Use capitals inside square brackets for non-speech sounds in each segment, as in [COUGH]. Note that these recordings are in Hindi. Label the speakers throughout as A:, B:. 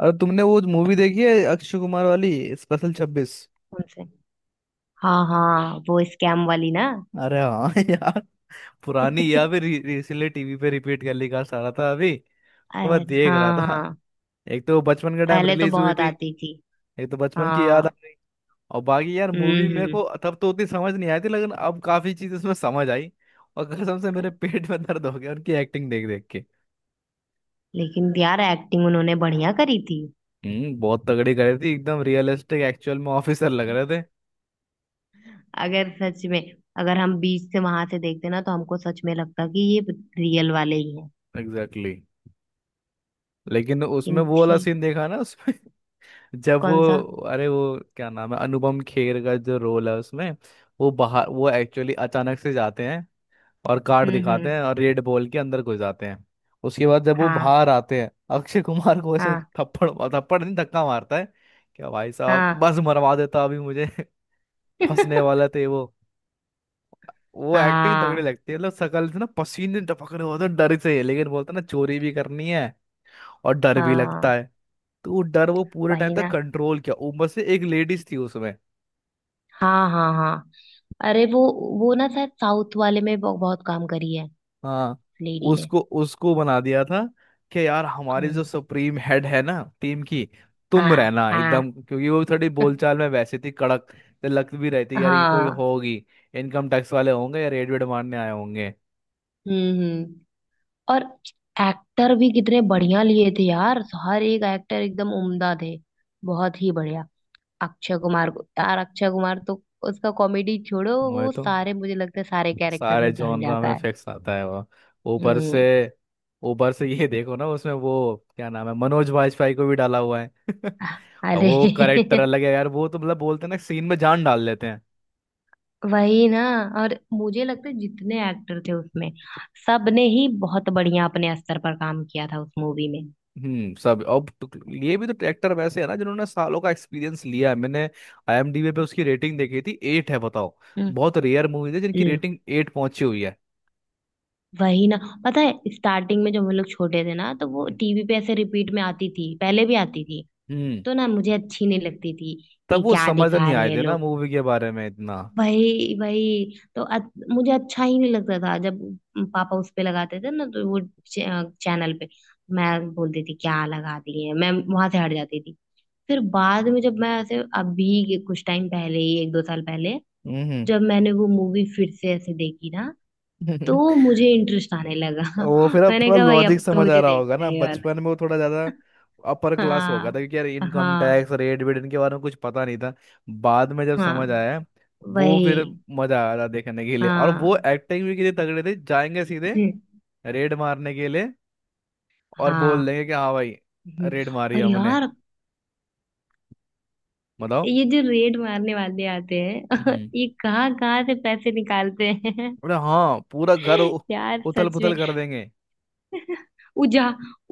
A: और तुमने वो मूवी देखी है अक्षय कुमार वाली स्पेशल 26?
B: कौन से? हाँ हाँ, वो स्कैम वाली ना।
A: अरे हाँ [LAUGHS] यार। पुरानी
B: [LAUGHS]
A: या फिर रिसेंटली टीवी पे रिपीट कर लिखा रहा था अभी। तो मैं
B: अरे
A: देख रहा
B: हाँ
A: था।
B: हाँ।
A: एक तो वो बचपन के टाइम
B: पहले तो
A: रिलीज हुई
B: बहुत
A: थी।
B: आती थी।
A: एक तो बचपन की याद आ
B: हाँ।
A: गई। और बाकी यार मूवी मेरे
B: हम्म।
A: को तब तो उतनी समझ नहीं आई थी लेकिन अब काफी चीज उसमें समझ आई। और कसम से मेरे पेट में दर्द हो गया उनकी एक्टिंग देख देख के।
B: लेकिन यार एक्टिंग उन्होंने बढ़िया करी थी।
A: बहुत तगड़ी करी थी एकदम रियलिस्टिक एक्चुअल में ऑफिसर लग रहे थे।
B: अगर सच में, अगर हम बीच से वहां से देखते ना तो हमको सच में लगता कि ये रियल वाले ही हैं।
A: Exactly exactly। लेकिन
B: लेकिन
A: उसमें वो वाला
B: थी।
A: सीन देखा ना उसमें जब वो।
B: कौन सा?
A: अरे वो क्या नाम है अनुपम खेर का जो रोल है उसमें। वो बाहर वो एक्चुअली अचानक से जाते हैं और कार्ड दिखाते
B: हम्म।
A: हैं और रेड बॉल के अंदर घुस जाते हैं। उसके बाद जब वो
B: हाँ
A: बाहर आते हैं अक्षय कुमार को ऐसे
B: हाँ
A: थप्पड़ थप्पड़ नहीं धक्का मारता है। क्या भाई साहब
B: हाँ।
A: बस मरवा देता अभी मुझे [LAUGHS] फंसने
B: [LAUGHS]
A: वाला थे वो। वो एक्टिंग तगड़ी
B: हाँ।
A: लगती है मतलब शकल से ना पसीने टपक रहे होते हैं डर से लेकिन बोलता है ना चोरी भी करनी है और डर भी लगता
B: हाँ
A: है। तो वो डर वो पूरे टाइम
B: वही
A: तक
B: ना।
A: कंट्रोल किया ऊपर से एक लेडीज थी उसमें।
B: हाँ हाँ हाँ। अरे वो ना शायद साउथ वाले में बहुत काम करी है।
A: हाँ।
B: लेडी ने।
A: उसको उसको बना दिया था कि यार हमारी जो
B: हम्म।
A: सुप्रीम हेड है ना टीम की। तुम
B: हाँ
A: रहना
B: हाँ
A: एकदम क्योंकि वो थोड़ी बोलचाल में वैसे थी कड़क। तो लग भी रही थी यार ये कोई
B: हाँ।
A: होगी इनकम टैक्स वाले होंगे या रेड वेड मारने आए होंगे।
B: हम्म। और एक्टर भी कितने बढ़िया लिए थे यार, हर एक एक्टर एकदम उम्दा थे। बहुत ही बढ़िया। अक्षय कुमार को यार, अक्षय कुमार तो, उसका कॉमेडी छोड़ो,
A: वो
B: वो
A: तो
B: सारे, मुझे लगता है सारे कैरेक्टर
A: सारे
B: में ढल
A: जॉनरा
B: जाता
A: में
B: है।
A: फिक्स आता है वो। ऊपर से
B: हम्म।
A: ऊपर से ये देखो ना उसमें वो क्या नाम है मनोज वाजपेयी को भी डाला हुआ है [LAUGHS] और
B: अरे।
A: वो करेक्टर
B: [LAUGHS]
A: अलग है यार वो तो मतलब बोलते हैं ना सीन में जान डाल लेते।
B: वही ना। और मुझे लगता है जितने एक्टर थे उसमें सबने ही बहुत बढ़िया अपने स्तर पर काम किया था उस मूवी में।
A: सब अब ये भी तो ट्रैक्टर वैसे है ना जिन्होंने सालों का एक्सपीरियंस लिया है मैंने। आईएमडीबी पे उसकी रेटिंग देखी थी 8 है बताओ। बहुत रेयर मूवी है जिनकी
B: हम्म।
A: रेटिंग 8 पहुंची हुई है।
B: वही ना। पता है स्टार्टिंग में जब हम लोग छोटे थे ना तो वो
A: हम्म।
B: टीवी पे ऐसे रिपीट में आती थी, पहले भी आती थी।
A: हम्म।
B: तो ना मुझे अच्छी नहीं लगती थी
A: तब
B: कि
A: वो
B: क्या
A: समझ नहीं
B: दिखा रहे
A: आए
B: हैं
A: थे ना
B: लोग।
A: मूवी के बारे में इतना।
B: वही वही तो मुझे अच्छा ही नहीं लगता था, जब पापा उस पे लगाते थे ना तो वो चैनल पे, मैं बोलती थी क्या लगा दिए, मैं वहां से हट जाती थी। फिर बाद में जब मैं ऐसे अभी के कुछ टाइम पहले ही, एक दो साल पहले,
A: हम्म।
B: जब मैंने वो मूवी फिर से ऐसे देखी ना तो
A: [LAUGHS]
B: मुझे इंटरेस्ट आने लगा।
A: वो
B: [LAUGHS]
A: फिर अब
B: मैंने
A: थोड़ा
B: कहा भाई
A: लॉजिक
B: अब तो
A: समझ आ
B: मुझे
A: रहा होगा
B: देखना
A: ना
B: है ये वाला।
A: बचपन में वो थोड़ा ज्यादा अपर
B: [LAUGHS]
A: क्लास हो गया
B: हाँ
A: था क्योंकि यार इनकम
B: हाँ।
A: टैक्स रेट वेट इनके बारे में कुछ पता नहीं था। बाद में जब
B: हाँ।
A: समझ आया वो फिर
B: वही।
A: मजा आ रहा देखने के लिए और वो
B: हाँ।
A: एक्टिंग भी कितने तगड़े थे जाएंगे सीधे
B: [LAUGHS]
A: रेड मारने के लिए और
B: हाँ।
A: बोल देंगे कि हाँ भाई
B: हम्म।
A: रेड मारी
B: और
A: हमने
B: यार
A: बताओ।
B: ये जो रेड मारने वाले आते हैं
A: हम्म
B: [LAUGHS] ये कहाँ कहाँ से पैसे निकालते हैं?
A: बोले हाँ पूरा घर
B: [LAUGHS] यार
A: उथल
B: सच में।
A: पुथल कर देंगे
B: [LAUGHS] उजा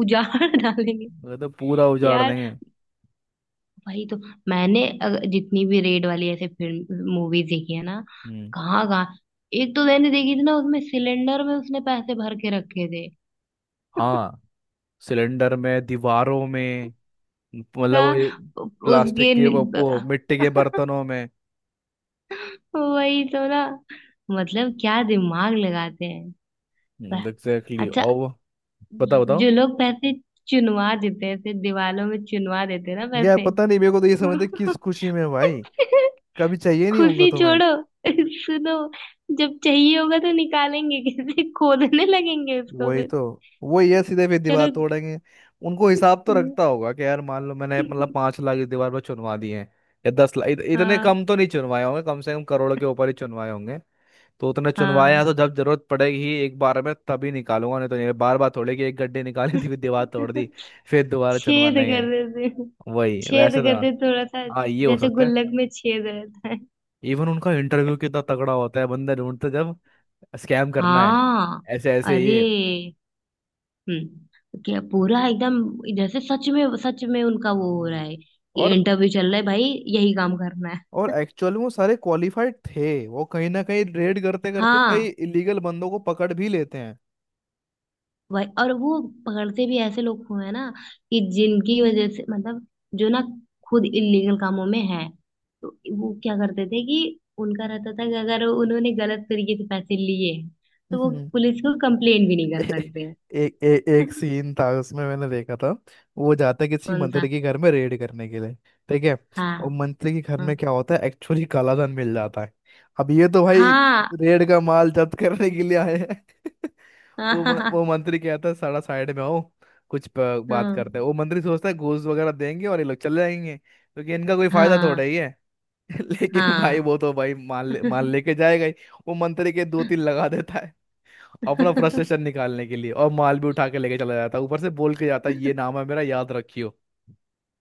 B: उजाड़ डालेंगे।
A: बोले तो पूरा उजाड़
B: यार।
A: देंगे।
B: वही तो। मैंने जितनी भी रेड वाली ऐसे फिल्म मूवीज देखी है ना,
A: हम्म।
B: कहाँ कहाँ। एक तो मैंने देखी थी ना उसमें सिलेंडर में उसने पैसे भर के रखे थे। [LAUGHS]
A: हाँ। सिलेंडर में दीवारों में मतलब वो
B: कहा।
A: ये प्लास्टिक
B: उसके
A: के वो
B: नि-
A: वो मिट्टी के
B: [LAUGHS]
A: बर्तनों में।
B: वही तो ना। मतलब क्या दिमाग लगाते हैं। प-
A: एग्जैक्टली
B: अच्छा,
A: और बताओ
B: जो
A: बताओ।
B: लोग पैसे चुनवा देते हैं ऐसे दीवालों में, चुनवा देते हैं ना
A: यार
B: पैसे।
A: पता नहीं मेरे को तो ये समझते किस खुशी में भाई
B: [LAUGHS]
A: कभी चाहिए नहीं होगा
B: खुशी
A: तुम्हें।
B: छोड़ो। [LAUGHS] सुनो, जब चाहिए होगा तो निकालेंगे कैसे, खोदने लगेंगे उसको
A: वही
B: फिर।
A: तो वो ये सीधे फिर दीवार
B: चलो।
A: तोड़ेंगे। उनको हिसाब तो रखता
B: [LAUGHS]
A: होगा कि यार मान लो मैंने मतलब 5 लाख इस दीवार पर चुनवा दिए हैं या 10 लाख इतने
B: हाँ
A: कम तो नहीं चुनवाए होंगे कम से कम करोड़ों के ऊपर ही चुनवाए होंगे। तो उतने चुनवाए
B: हाँ।
A: हैं तो जब जरूरत पड़ेगी एक बार में तभी निकालूंगा नहीं तो नहीं बार बार थोड़े कि एक गड्ढे निकाली थी [LAUGHS] फिर दीवार तोड़ दी
B: [LAUGHS]
A: फिर दोबारा
B: छेद
A: चुनवाना ही
B: कर
A: है।
B: देते हैं।
A: वही
B: छेद
A: वैसे तो हाँ।
B: करते थोड़ा सा,
A: हाँ, ये हो
B: जैसे
A: सकता है।
B: गुल्लक में छेद रहता है।
A: इवन उनका इंटरव्यू कितना तगड़ा होता है बंदा ढूंढते जब स्कैम करना है
B: हाँ।
A: ऐसे ऐसे
B: अरे।
A: ये।
B: हम्म, क्या पूरा एकदम, जैसे सच में उनका वो हो रहा
A: हम्म।
B: है,
A: और
B: इंटरव्यू चल रहा है भाई, यही काम करना है।
A: और एक्चुअल में वो सारे क्वालिफाइड थे वो कहीं ना कहीं रेड करते करते कई
B: हाँ।
A: इलीगल बंदों को पकड़ भी लेते हैं।
B: वही और वो पकड़ते भी ऐसे लोग को है ना, कि जिनकी वजह से, मतलब जो ना खुद इलीगल कामों में है, तो वो क्या करते थे कि उनका रहता था कि अगर उन्होंने गलत तरीके से पैसे लिए तो वो
A: हम्म।
B: पुलिस को कंप्लेन भी नहीं
A: [LAUGHS] ए,
B: कर सकते।
A: ए, ए, एक
B: [LAUGHS]
A: सीन था उसमें मैंने देखा था। वो जाता है किसी
B: कौन
A: मंत्री
B: सा?
A: के घर में रेड करने के लिए। ठीक है।
B: हाँ।
A: और मंत्री के घर में
B: हाँ
A: क्या होता है एक्चुअली कालाधन मिल जाता है। अब ये तो भाई
B: हाँ
A: रेड का माल जब्त करने के लिए आए हैं। [LAUGHS] वो मंत्री कहता है सारा साइड में आओ कुछ बात
B: हाँ।
A: करते हैं। वो मंत्री सोचता है घूस वगैरह देंगे और ये लोग चले जाएंगे क्योंकि इनका कोई फायदा थोड़ा
B: हाँ
A: ही है। [LAUGHS] लेकिन भाई
B: हाँ।
A: वो तो भाई माल
B: [LAUGHS]
A: लेके जाएगा ही। वो मंत्री के दो तीन लगा देता है अपना फ्रस्ट्रेशन निकालने के लिए और माल भी उठा के लेके चला जाता है ऊपर से बोल के जाता है ये नाम है मेरा याद रखियो।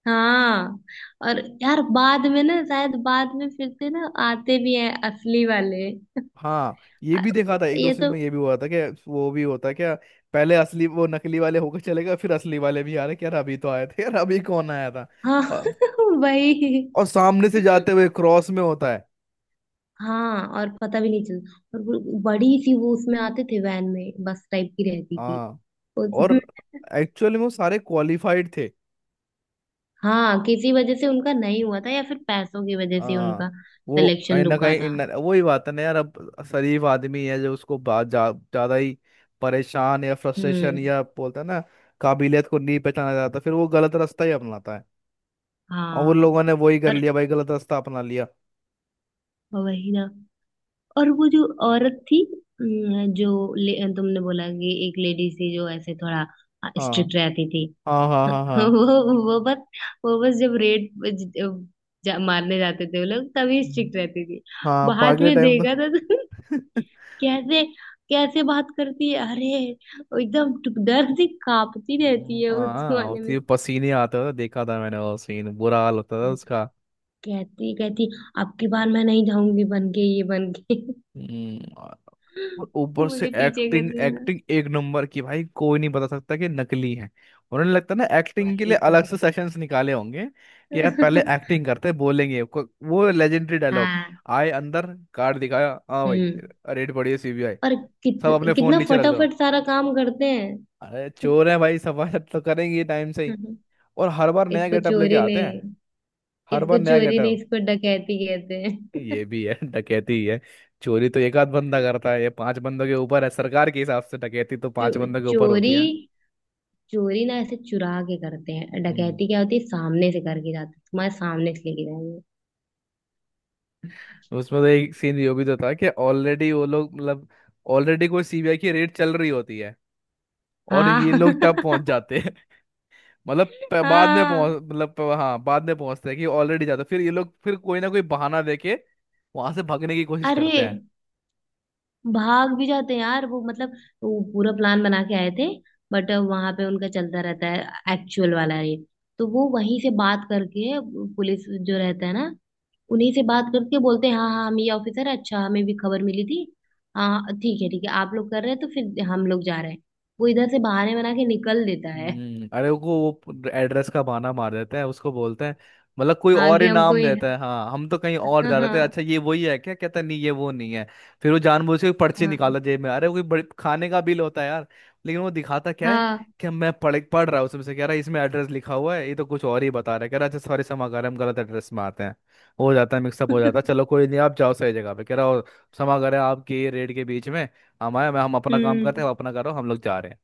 B: हाँ। और यार बाद में ना शायद बाद में फिर से ना आते भी हैं असली वाले।
A: हाँ। ये
B: आ-
A: भी देखा था एक दो
B: ये
A: सीन
B: तो।
A: में ये भी हुआ था कि वो भी होता है क्या पहले असली वो नकली वाले होकर चले गए फिर असली वाले भी आ रहे कि यार अभी तो आए थे यार अभी कौन आया था।
B: हाँ।
A: और,
B: [LAUGHS] वही।
A: और सामने से जाते हुए क्रॉस में होता है।
B: हाँ, और पता भी नहीं चलता, और वो बड़ी सी वो उसमें आते थे वैन में, बस टाइप की रहती थी
A: हाँ।
B: उसमें।
A: और एक्चुअली में वो सारे क्वालिफाइड थे।
B: हाँ, किसी वजह से उनका नहीं हुआ था, या फिर पैसों की वजह से
A: हाँ।
B: उनका
A: वो कहीं
B: सिलेक्शन
A: ना
B: रुका
A: कहीं
B: था।
A: इन वही बात है ना यार अब शरीफ आदमी है जो उसको बात जा, ज्यादा ही परेशान या फ्रस्ट्रेशन
B: हम्म।
A: या बोलते हैं ना। काबिलियत को नहीं पहचाना जाता फिर वो गलत रास्ता ही अपनाता है और वो
B: हाँ।
A: लोगों ने वही कर
B: पर,
A: लिया भाई गलत रास्ता अपना लिया।
B: वही ना। और वो जो औरत थी, तुमने बोला कि एक लेडी थी जो ऐसे थोड़ा, हाँ,
A: हाँ
B: स्ट्रिक्ट रहती थी।
A: हाँ हाँ
B: [LAUGHS]
A: हाँ। हाँ।
B: वो बस, वो बस जब रेड मारने जाते थे वो लोग तभी
A: हम्म,
B: स्ट्रिक्ट रहती थी।
A: हाँ
B: बाद
A: बाकी
B: में
A: टाइम तो [LAUGHS]
B: देखा था तो [LAUGHS] कैसे, कैसे बात करती है अरे, वो एकदम डर से कांपती रहती है उस
A: हाँ
B: वाले
A: होती
B: में।
A: है, पसीने आते थे देखा था मैंने वो सीन बुरा हाल होता था उसका।
B: कहती कहती, अब की बार मैं नहीं जाऊंगी बन के, ये बन के। [LAUGHS]
A: और ऊपर से
B: मुझे पीछे कर
A: एक्टिंग
B: देना।
A: एक्टिंग एक नंबर की भाई कोई नहीं बता सकता कि नकली है। उन्होंने लगता है ना एक्टिंग के
B: वही
A: लिए
B: तो।
A: अलग से सेशंस निकाले होंगे कि यार पहले
B: [LAUGHS]
A: एक्टिंग करते बोलेंगे वो लेजेंडरी डायलॉग
B: हाँ।
A: आए अंदर कार्ड दिखाया हाँ भाई
B: हम्म।
A: रेड पड़ी है सीबीआई
B: और कित,
A: सब अपने फोन
B: कितना
A: नीचे रख दो।
B: फटाफट सारा काम करते हैं।
A: अरे चोर है भाई सफाई तो करेंगे टाइम से ही
B: [LAUGHS]
A: और हर बार नया
B: इसको
A: गेटअप लेके
B: चोरी ने
A: आते हैं। हर
B: इसको
A: बार नया
B: चोरी नहीं,
A: गेटअप।
B: इसको डकैती कहते हैं। [LAUGHS]
A: ये भी है डकैती ही है। चोरी तो एक आध बंदा करता है ये पांच बंदों के ऊपर है सरकार के हिसाब से डकैती तो पांच बंदों के ऊपर
B: चोरी,
A: होती है।
B: चोरी ना ऐसे चुरा के करते हैं,
A: हम्म।
B: डकैती क्या होती है, सामने से करके जाते हैं, तुम्हारे सामने से लेके जाएंगे।
A: उसमें तो एक सीन यो भी तो था कि ऑलरेडी वो लोग मतलब ऑलरेडी कोई सीबीआई की रेड चल रही होती है और
B: हाँ।
A: ये लोग तब पहुंच जाते हैं। [LAUGHS] मतलब
B: [LAUGHS]
A: बाद में
B: हाँ।
A: पहुंच मतलब हाँ बाद में पहुंचते हैं कि ऑलरेडी जाते हैं। फिर ये लोग फिर कोई ना कोई बहाना देके वहां से भागने की कोशिश
B: अरे,
A: करते।
B: भाग भी जाते हैं यार, वो मतलब, वो पूरा प्लान बना के आए थे, बट वहां पे उनका चलता रहता है एक्चुअल वाला ये, तो वो वहीं से बात करके, पुलिस जो रहता है ना, उन्हीं से बात करके बोलते हैं हाँ हाँ हम ये ऑफिसर है, अच्छा हमें भी खबर मिली थी, हाँ ठीक है आप लोग कर रहे हैं तो फिर हम लोग जा रहे हैं, वो इधर से बहाने बना के निकल देता है।
A: अरे वो एड्रेस का बहाना मार देते हैं उसको बोलते हैं। मतलब कोई
B: हाँ,
A: और ही नाम देता है हाँ हम तो कहीं और
B: हाँ
A: जा रहे थे
B: हाँ।
A: अच्छा ये वही है क्या कहता है, नहीं ये वो नहीं है। फिर वो जानबूझ के पर्ची
B: हाँ
A: निकाला जेब में अरे वो कोई बड़े खाने का बिल होता है यार लेकिन वो दिखाता क्या है
B: हाँ।
A: कि मैं पढ़ पढ़ रहा हूँ उसमें से कह रहा है इसमें एड्रेस लिखा हुआ है ये तो कुछ और ही बता रहा है कह रहा है, अच्छा सॉरी क्षमा कर हम गलत एड्रेस में आते हैं। हो जाता है मिक्सअप हो जाता है चलो
B: [LAUGHS]
A: कोई नहीं आप जाओ सही जगह पे कह रहा हो क्षमा करें आपके रेड के बीच में हम आए मैं हम अपना काम करते हैं
B: हम्म।
A: आप अपना करो हम लोग जा रहे हैं।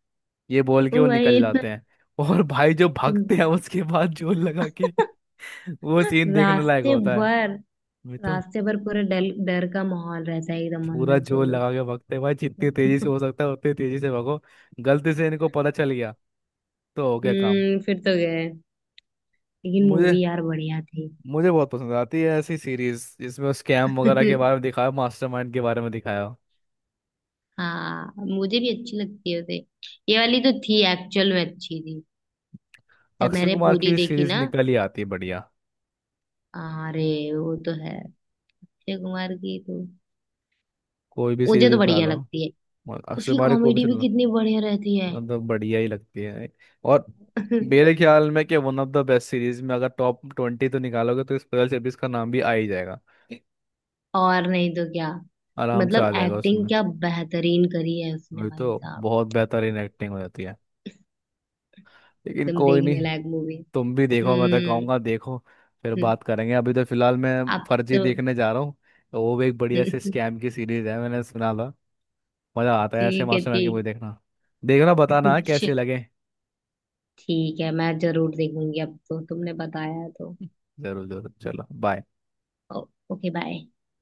A: ये बोल के वो निकल
B: वही ना।
A: जाते हैं। और भाई जो भागते
B: [LAUGHS]
A: हैं उसके बाद जोर लगा के [LAUGHS] वो सीन देखने लायक
B: रास्ते
A: होता है।
B: भर,
A: मैं तो
B: रास्ते भर पूरा डर डर का माहौल रहता है एकदम
A: पूरा
B: अंदर से वो
A: जोर लगा के भागते हैं भाई जितनी
B: लोग। [LAUGHS]
A: तेजी से हो सकता है उतनी तेजी से भागो। गलती से इनको पता चल गया तो हो गया काम।
B: हम्म, फिर तो गए। लेकिन
A: मुझे
B: मूवी यार बढ़िया थी।
A: मुझे बहुत पसंद आती है ऐसी सीरीज जिसमें स्कैम वगैरह के बारे में
B: [LAUGHS]
A: दिखाया मास्टरमाइंड के बारे में दिखाया हो।
B: हाँ, मुझे भी अच्छी लगती है उसे। ये वाली तो थी, एक्चुअल में अच्छी थी। जब
A: अक्षय
B: मैंने
A: कुमार
B: पूरी
A: की
B: देखी
A: सीरीज
B: ना,
A: निकल ही आती है बढ़िया।
B: अरे वो तो है, अक्षय कुमार की तो
A: कोई भी
B: मुझे
A: सीरीज
B: तो
A: उठा
B: बढ़िया
A: लो
B: लगती है,
A: अक्षय
B: उसकी
A: कुमार की कोई भी
B: कॉमेडी भी
A: सीरीज।
B: कितनी बढ़िया रहती है।
A: मतलब बढ़िया ही लगती है भाई। और मेरे
B: [LAUGHS]
A: ख्याल में कि one of the best series में अगर टॉप 20 तो निकालोगे तो स्पेशल सर्विस का नाम भी आ ही जाएगा।
B: और नहीं तो क्या?
A: आराम से
B: मतलब
A: आ जाएगा
B: एक्टिंग
A: उसमें।
B: क्या बेहतरीन करी है उसने
A: वही तो
B: भाई साहब,
A: बहुत बेहतरीन एक्टिंग हो जाती है। लेकिन
B: एकदम
A: कोई
B: देखने
A: नहीं।
B: लायक मूवी।
A: तुम भी देखो मैं तो
B: हम्म।
A: कहूँगा देखो। फिर बात करेंगे अभी तो फिलहाल मैं
B: अब
A: फर्जी
B: तो,
A: देखने जा रहा हूँ। वो भी एक बढ़िया से
B: [LAUGHS]
A: स्कैम की सीरीज है मैंने सुना था। मज़ा आता है ऐसे
B: ठीक है
A: मास्टरमाइंड की मूवी
B: ठीक।
A: देखना। देखना बताना कैसे
B: [LAUGHS]
A: लगे।
B: ठीक है मैं जरूर देखूंगी, अब तो तुमने बताया है तो।
A: जरूर जरूर चलो बाय।
B: ओ- ओके बाय।